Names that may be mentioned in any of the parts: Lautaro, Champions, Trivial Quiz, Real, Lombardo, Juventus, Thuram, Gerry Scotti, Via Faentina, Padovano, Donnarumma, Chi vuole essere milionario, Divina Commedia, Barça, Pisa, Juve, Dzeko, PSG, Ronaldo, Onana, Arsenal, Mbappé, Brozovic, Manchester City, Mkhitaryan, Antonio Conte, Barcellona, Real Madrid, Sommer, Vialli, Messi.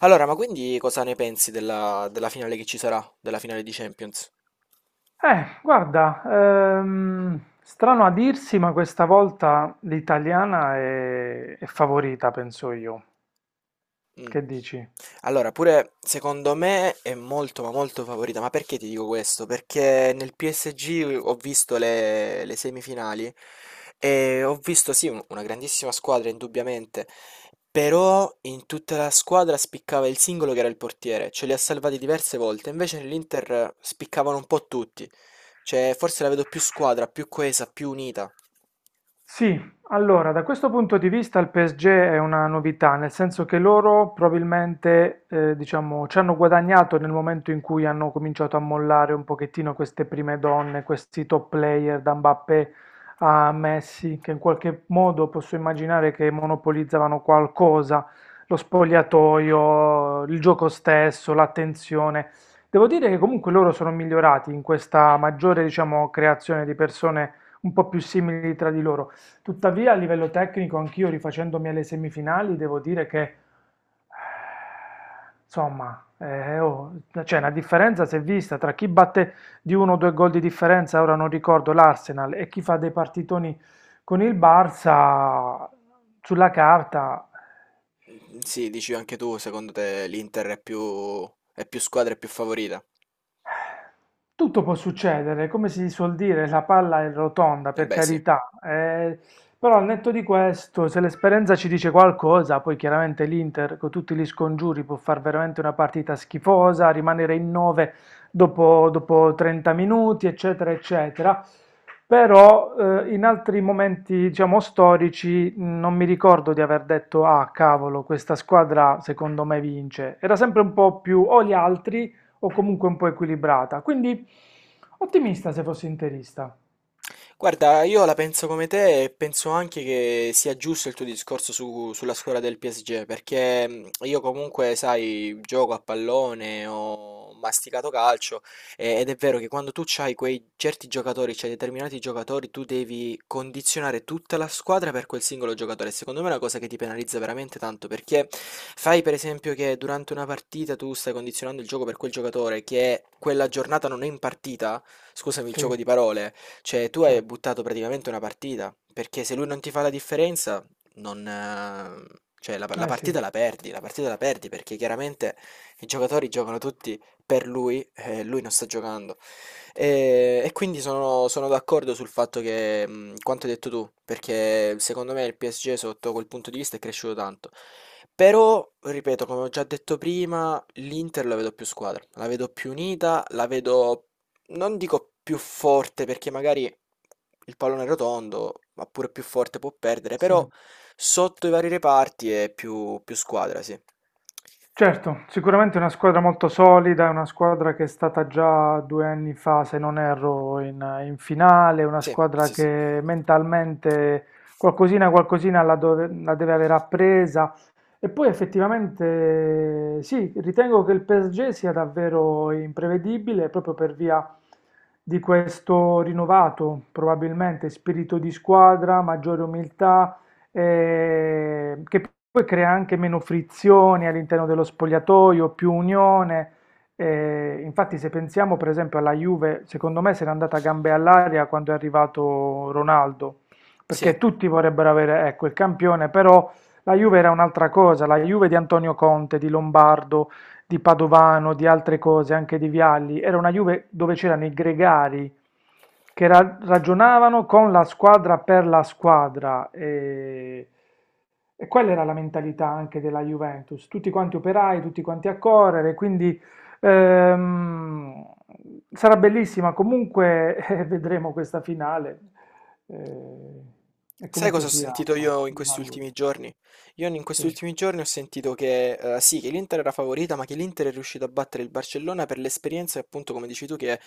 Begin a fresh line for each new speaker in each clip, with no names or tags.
Allora, ma quindi cosa ne pensi della finale che ci sarà? Della finale di Champions?
Strano a dirsi, ma questa volta l'italiana è favorita, penso io.
Mm.
Che dici?
Allora, pure secondo me è molto ma molto favorita, ma perché ti dico questo? Perché nel PSG ho visto le semifinali e ho visto sì una grandissima squadra indubbiamente, però in tutta la squadra spiccava il singolo che era il portiere, ce li ha salvati diverse volte, invece nell'Inter spiccavano un po' tutti, cioè forse la vedo più squadra, più coesa, più unita.
Sì, allora da questo punto di vista il PSG è una novità, nel senso che loro probabilmente diciamo, ci hanno guadagnato nel momento in cui hanno cominciato a mollare un pochettino queste prime donne, questi top player da Mbappé a Messi, che in qualche modo posso immaginare che monopolizzavano qualcosa, lo spogliatoio, il gioco stesso, l'attenzione. Devo dire che comunque loro sono migliorati in questa maggiore diciamo, creazione di persone un po' più simili tra di loro. Tuttavia, a livello tecnico, anch'io rifacendomi alle semifinali, devo dire che, insomma, oh, cioè, una differenza si è vista tra chi batte di uno o due gol di differenza, ora non ricordo, l'Arsenal, e chi fa dei partitoni con il Barça, sulla carta.
Mm, sì, dici anche tu, secondo te l'Inter è più squadra e più favorita?
Tutto può succedere, come si suol dire, la palla è rotonda,
Eh
per
beh, sì.
carità, però al netto di questo, se l'esperienza ci dice qualcosa, poi chiaramente l'Inter con tutti gli scongiuri può fare veramente una partita schifosa, rimanere in 9 dopo 30 minuti, eccetera, eccetera. Però in altri momenti, diciamo, storici, non mi ricordo di aver detto, ah, cavolo, questa squadra secondo me vince. Era sempre un po' più o gli altri o comunque un po' equilibrata. Quindi ottimista se fossi interista.
Guarda, io la penso come te e penso anche che sia giusto il tuo discorso sulla scuola del PSG, perché io comunque, sai, gioco a pallone, ho masticato calcio ed è vero che quando tu hai quei certi giocatori, c'hai determinati giocatori, tu devi condizionare tutta la squadra per quel singolo giocatore. Secondo me è una cosa che ti penalizza veramente tanto, perché fai per esempio che durante una partita tu stai condizionando il gioco per quel giocatore che quella giornata non è in partita, scusami il
Sì,
gioco di parole. Cioè, tu hai
certo.
buttato praticamente una partita, perché se lui non ti fa la differenza, non, cioè, la
Eh sì,
partita la perdi, la partita la perdi, perché chiaramente i giocatori giocano tutti per lui e lui non sta giocando. E quindi sono d'accordo sul fatto che, quanto hai detto tu, perché secondo me il PSG sotto quel punto di vista è cresciuto tanto. Però, ripeto, come ho già detto prima, l'Inter la vedo più squadra, la vedo più unita, la vedo non dico più forte perché magari il pallone è rotondo, ma pure più forte può perdere,
sì.
però sotto i vari reparti è più, più squadra, sì.
Certo, sicuramente è una squadra molto solida, è una squadra che è stata già 2 anni fa, se non erro, in finale, è una
Sì,
squadra
sì, sì.
che mentalmente qualcosina la, dove- la deve aver appresa. E poi effettivamente sì, ritengo che il PSG sia davvero imprevedibile proprio per via di questo rinnovato, probabilmente, spirito di squadra, maggiore umiltà che poi crea anche meno frizioni all'interno dello spogliatoio, più unione. Eh, infatti, se pensiamo per esempio alla Juve, secondo me se n'è andata a gambe all'aria quando è arrivato Ronaldo,
Sì,
perché tutti vorrebbero avere, ecco, il campione, però la Juve era un'altra cosa, la Juve di Antonio Conte, di Lombardo, di Padovano, di altre cose, anche di Vialli, era una Juve dove c'erano i gregari che ragionavano con la squadra per la squadra e quella era la mentalità anche della Juventus, tutti quanti operai, tutti quanti a correre, quindi ehm, sarà bellissima, comunque vedremo questa finale eh, e
sai
comunque
cosa ho
sia
sentito io in
di
questi
valore,
ultimi giorni? Io in
sì,
questi ultimi giorni ho sentito che sì, che l'Inter era favorita, ma che l'Inter è riuscito a battere il Barcellona per l'esperienza, appunto, come dici tu, che ha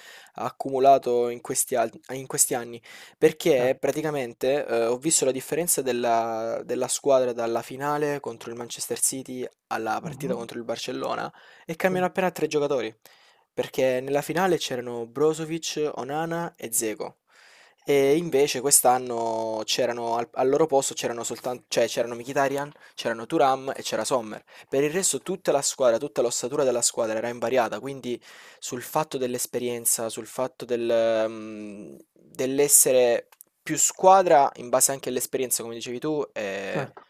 accumulato in questi, in questi anni. Perché
certo,
praticamente ho visto la differenza della squadra dalla finale contro il Manchester City alla partita
Mhm,
contro il Barcellona e cambiano
sì,
appena tre giocatori. Perché nella finale c'erano Brozovic, Onana e Dzeko. E invece quest'anno c'erano al loro posto c'erano soltanto, cioè c'erano Mkhitaryan, c'erano Thuram e c'era Sommer. Per il resto tutta la squadra, tutta l'ossatura della squadra era invariata, quindi sul fatto dell'esperienza, sul fatto del, dell'essere più squadra in base anche all'esperienza, come dicevi tu,
certo.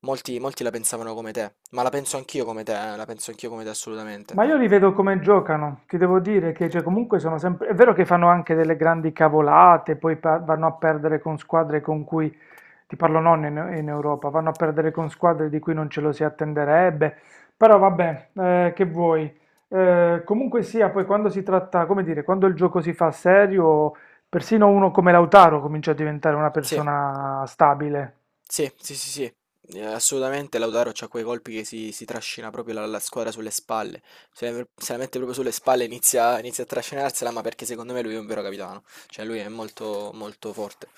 molti la pensavano come te, ma la penso anch'io come te, la penso anch'io come te assolutamente.
Ma io li vedo come giocano, ti devo dire che cioè, comunque sono sempre... È vero che fanno anche delle grandi cavolate, poi vanno a perdere con squadre con cui, ti parlo non in, in Europa, vanno a perdere con squadre di cui non ce lo si attenderebbe, però vabbè, che vuoi. Comunque sia, poi quando si tratta, come dire, quando il gioco si fa serio, persino uno come Lautaro comincia a diventare una
Sì.
persona stabile.
Sì, sì, sì, sì, assolutamente Lautaro c'ha quei colpi che si trascina proprio la squadra sulle spalle, se se la mette proprio sulle spalle inizia, inizia a trascinarsela, ma perché secondo me lui è un vero capitano, cioè lui è molto forte,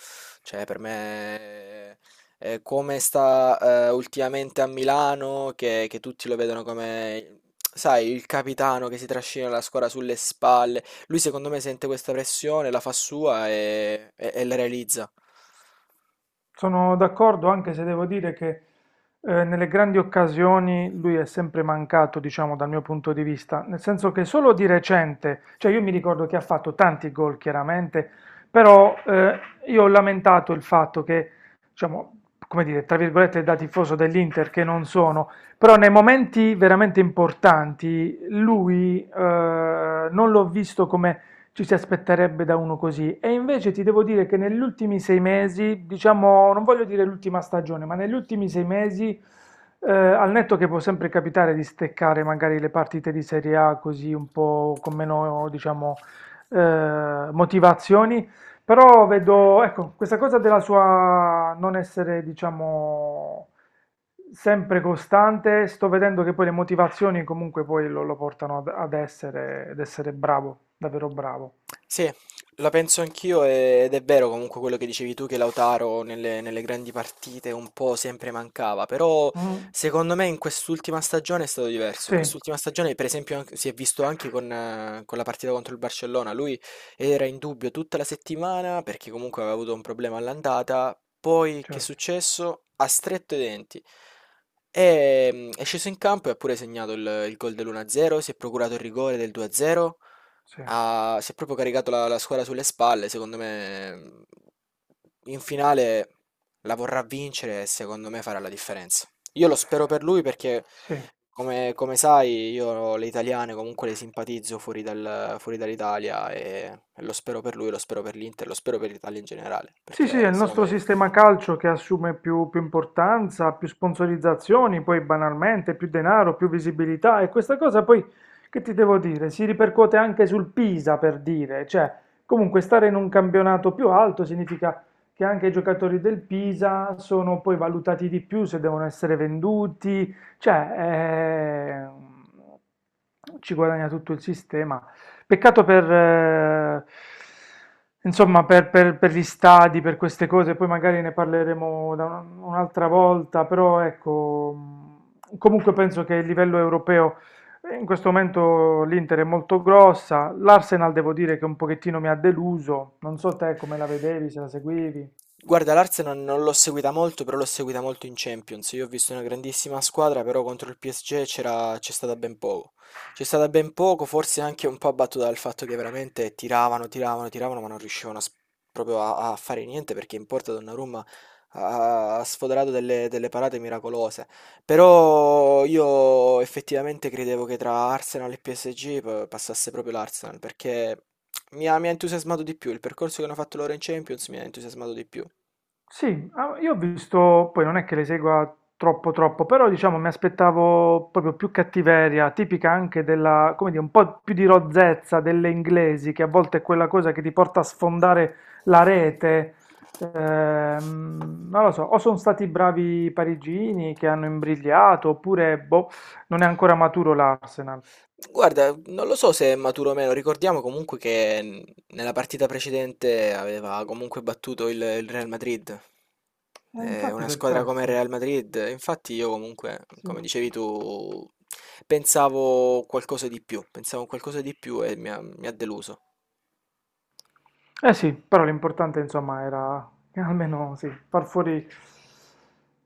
cioè per me come sta ultimamente a Milano, che tutti lo vedono come, sai, il capitano che si trascina la squadra sulle spalle, lui secondo me sente questa pressione, la fa sua e e la realizza.
Sono d'accordo, anche se devo dire che nelle grandi occasioni lui è sempre mancato, diciamo, dal mio punto di vista, nel senso che solo di recente, cioè io mi ricordo che ha fatto tanti gol chiaramente, però io ho lamentato il fatto che, diciamo, come dire, tra virgolette da tifoso dell'Inter che non sono, però nei momenti veramente importanti lui non l'ho visto come ci si aspetterebbe da uno così. E invece ti devo dire che negli ultimi 6 mesi, diciamo, non voglio dire l'ultima stagione, ma negli ultimi 6 mesi, al netto che può sempre capitare di steccare magari le partite di Serie A così un po' con
Thank
meno, diciamo, motivazioni, però vedo, ecco,
you.
questa cosa della sua non essere, diciamo, sempre costante, sto vedendo che poi le motivazioni comunque poi lo portano ad essere, ad essere bravo, davvero bravo.
Sì, la penso anch'io ed è vero comunque quello che dicevi tu che Lautaro nelle grandi partite un po' sempre mancava, però
Mm,
secondo me in quest'ultima stagione è stato diverso. In
sì,
quest'ultima stagione per esempio si è visto anche con la partita contro il Barcellona, lui era in dubbio tutta la settimana perché comunque aveva avuto un problema all'andata, poi che è
certo,
successo? Ha stretto i denti. E, è sceso in campo e ha pure segnato il gol dell'1-0, si è procurato il rigore del 2-0.
sì,
Ha si è proprio caricato la la squadra sulle spalle, secondo me, in finale la vorrà vincere e secondo me farà la differenza. Io lo spero per lui perché,
sì.
come come sai, io le italiane comunque le simpatizzo fuori dal fuori dall'Italia e lo spero per lui, lo spero per l'Inter, lo spero per l'Italia in generale,
Sì, sì, è
perché
il
se lo
nostro
merita.
sistema calcio che assume più importanza, più sponsorizzazioni, poi banalmente più denaro, più visibilità e questa cosa poi, che ti devo dire, si ripercuote anche sul Pisa per dire, cioè comunque stare in un campionato più alto significa che anche i giocatori del Pisa sono poi valutati di più se devono essere venduti, cioè ci guadagna tutto il sistema. Peccato per, insomma, per, per gli stadi, per queste cose, poi magari ne parleremo da un'altra volta, però ecco, comunque penso che a livello europeo in questo momento l'Inter è molto grossa, l'Arsenal devo dire che un pochettino mi ha deluso, non so te come la vedevi, se la seguivi.
Guarda, l'Arsenal non l'ho seguita molto, però l'ho seguita molto in Champions. Io ho visto una grandissima squadra, però contro il PSG c'era, c'è stata ben poco. C'è stata ben poco, forse anche un po' abbattuta dal fatto che veramente tiravano, tiravano, tiravano, ma non riuscivano a proprio a fare niente perché in porta Donnarumma ha, ha sfoderato delle, delle parate miracolose. Però io effettivamente credevo che tra Arsenal e PSG passasse proprio l'Arsenal, perché mi ha entusiasmato di più, il percorso che hanno fatto loro in Champions mi ha entusiasmato di più.
Sì, ah, io ho visto, poi non è che le segua troppo, però diciamo mi aspettavo proprio più cattiveria, tipica anche della, come dire, un po' più di rozzezza delle inglesi, che a volte è quella cosa che ti porta a sfondare la rete. Non lo so, o sono stati bravi i parigini che hanno imbrigliato, oppure boh, non è ancora maturo l'Arsenal.
Guarda, non lo so se è maturo o meno, ricordiamo comunque che nella partita precedente aveva comunque battuto il Real Madrid.
E
È
infatti
una
per
squadra come il
questo,
Real Madrid, infatti io comunque, come
sì.
dicevi tu, pensavo qualcosa di più, pensavo a qualcosa di più e mi ha deluso.
Eh sì, però l'importante insomma era almeno sì,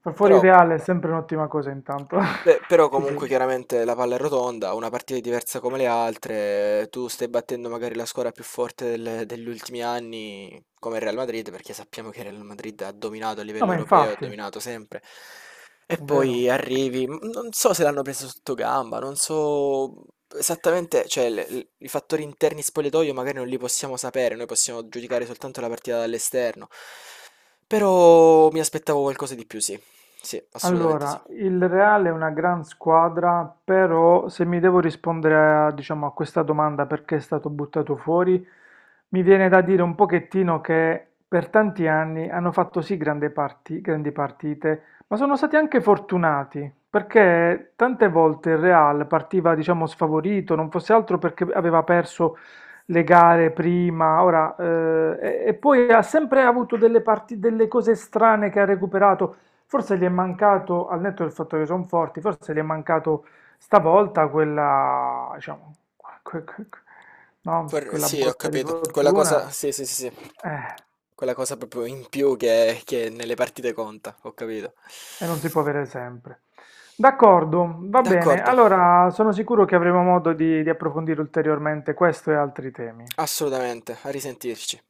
far fuori
Però
Real è sempre un'ottima cosa intanto.
beh, però
Sì, sì.
comunque chiaramente la palla è rotonda, una partita è diversa come le altre, tu stai battendo magari la squadra più forte degli ultimi anni, come il Real Madrid, perché sappiamo che il Real Madrid ha dominato a
No,
livello
ma
europeo, ha
infatti, è
dominato sempre. E poi
vero.
arrivi, non so se l'hanno preso sotto gamba, non so esattamente, cioè i fattori interni spogliatoio magari non li possiamo sapere, noi possiamo giudicare soltanto la partita dall'esterno, però mi aspettavo qualcosa di più, sì, sì, assolutamente sì.
Allora, il Real è una gran squadra, però se mi devo rispondere a, diciamo, a questa domanda perché è stato buttato fuori, mi viene da dire un pochettino che per tanti anni hanno fatto sì grandi partite, ma sono stati anche fortunati, perché tante volte il Real partiva, diciamo, sfavorito, non fosse altro perché aveva perso le gare prima, ora, e poi ha sempre avuto delle delle cose strane che ha recuperato. Forse gli è mancato, al netto del fatto che sono forti, forse gli è mancato stavolta quella, diciamo, que- que- que- no? Quella
Sì, ho
botta di
capito. Quella
fortuna.
cosa, sì, sì, sì, sì.
Eh,
Quella cosa proprio in più che nelle partite conta, ho capito.
e non si può avere sempre. D'accordo, va bene.
D'accordo,
Allora, sono sicuro che avremo modo di approfondire ulteriormente questo e altri temi.
assolutamente, a risentirci.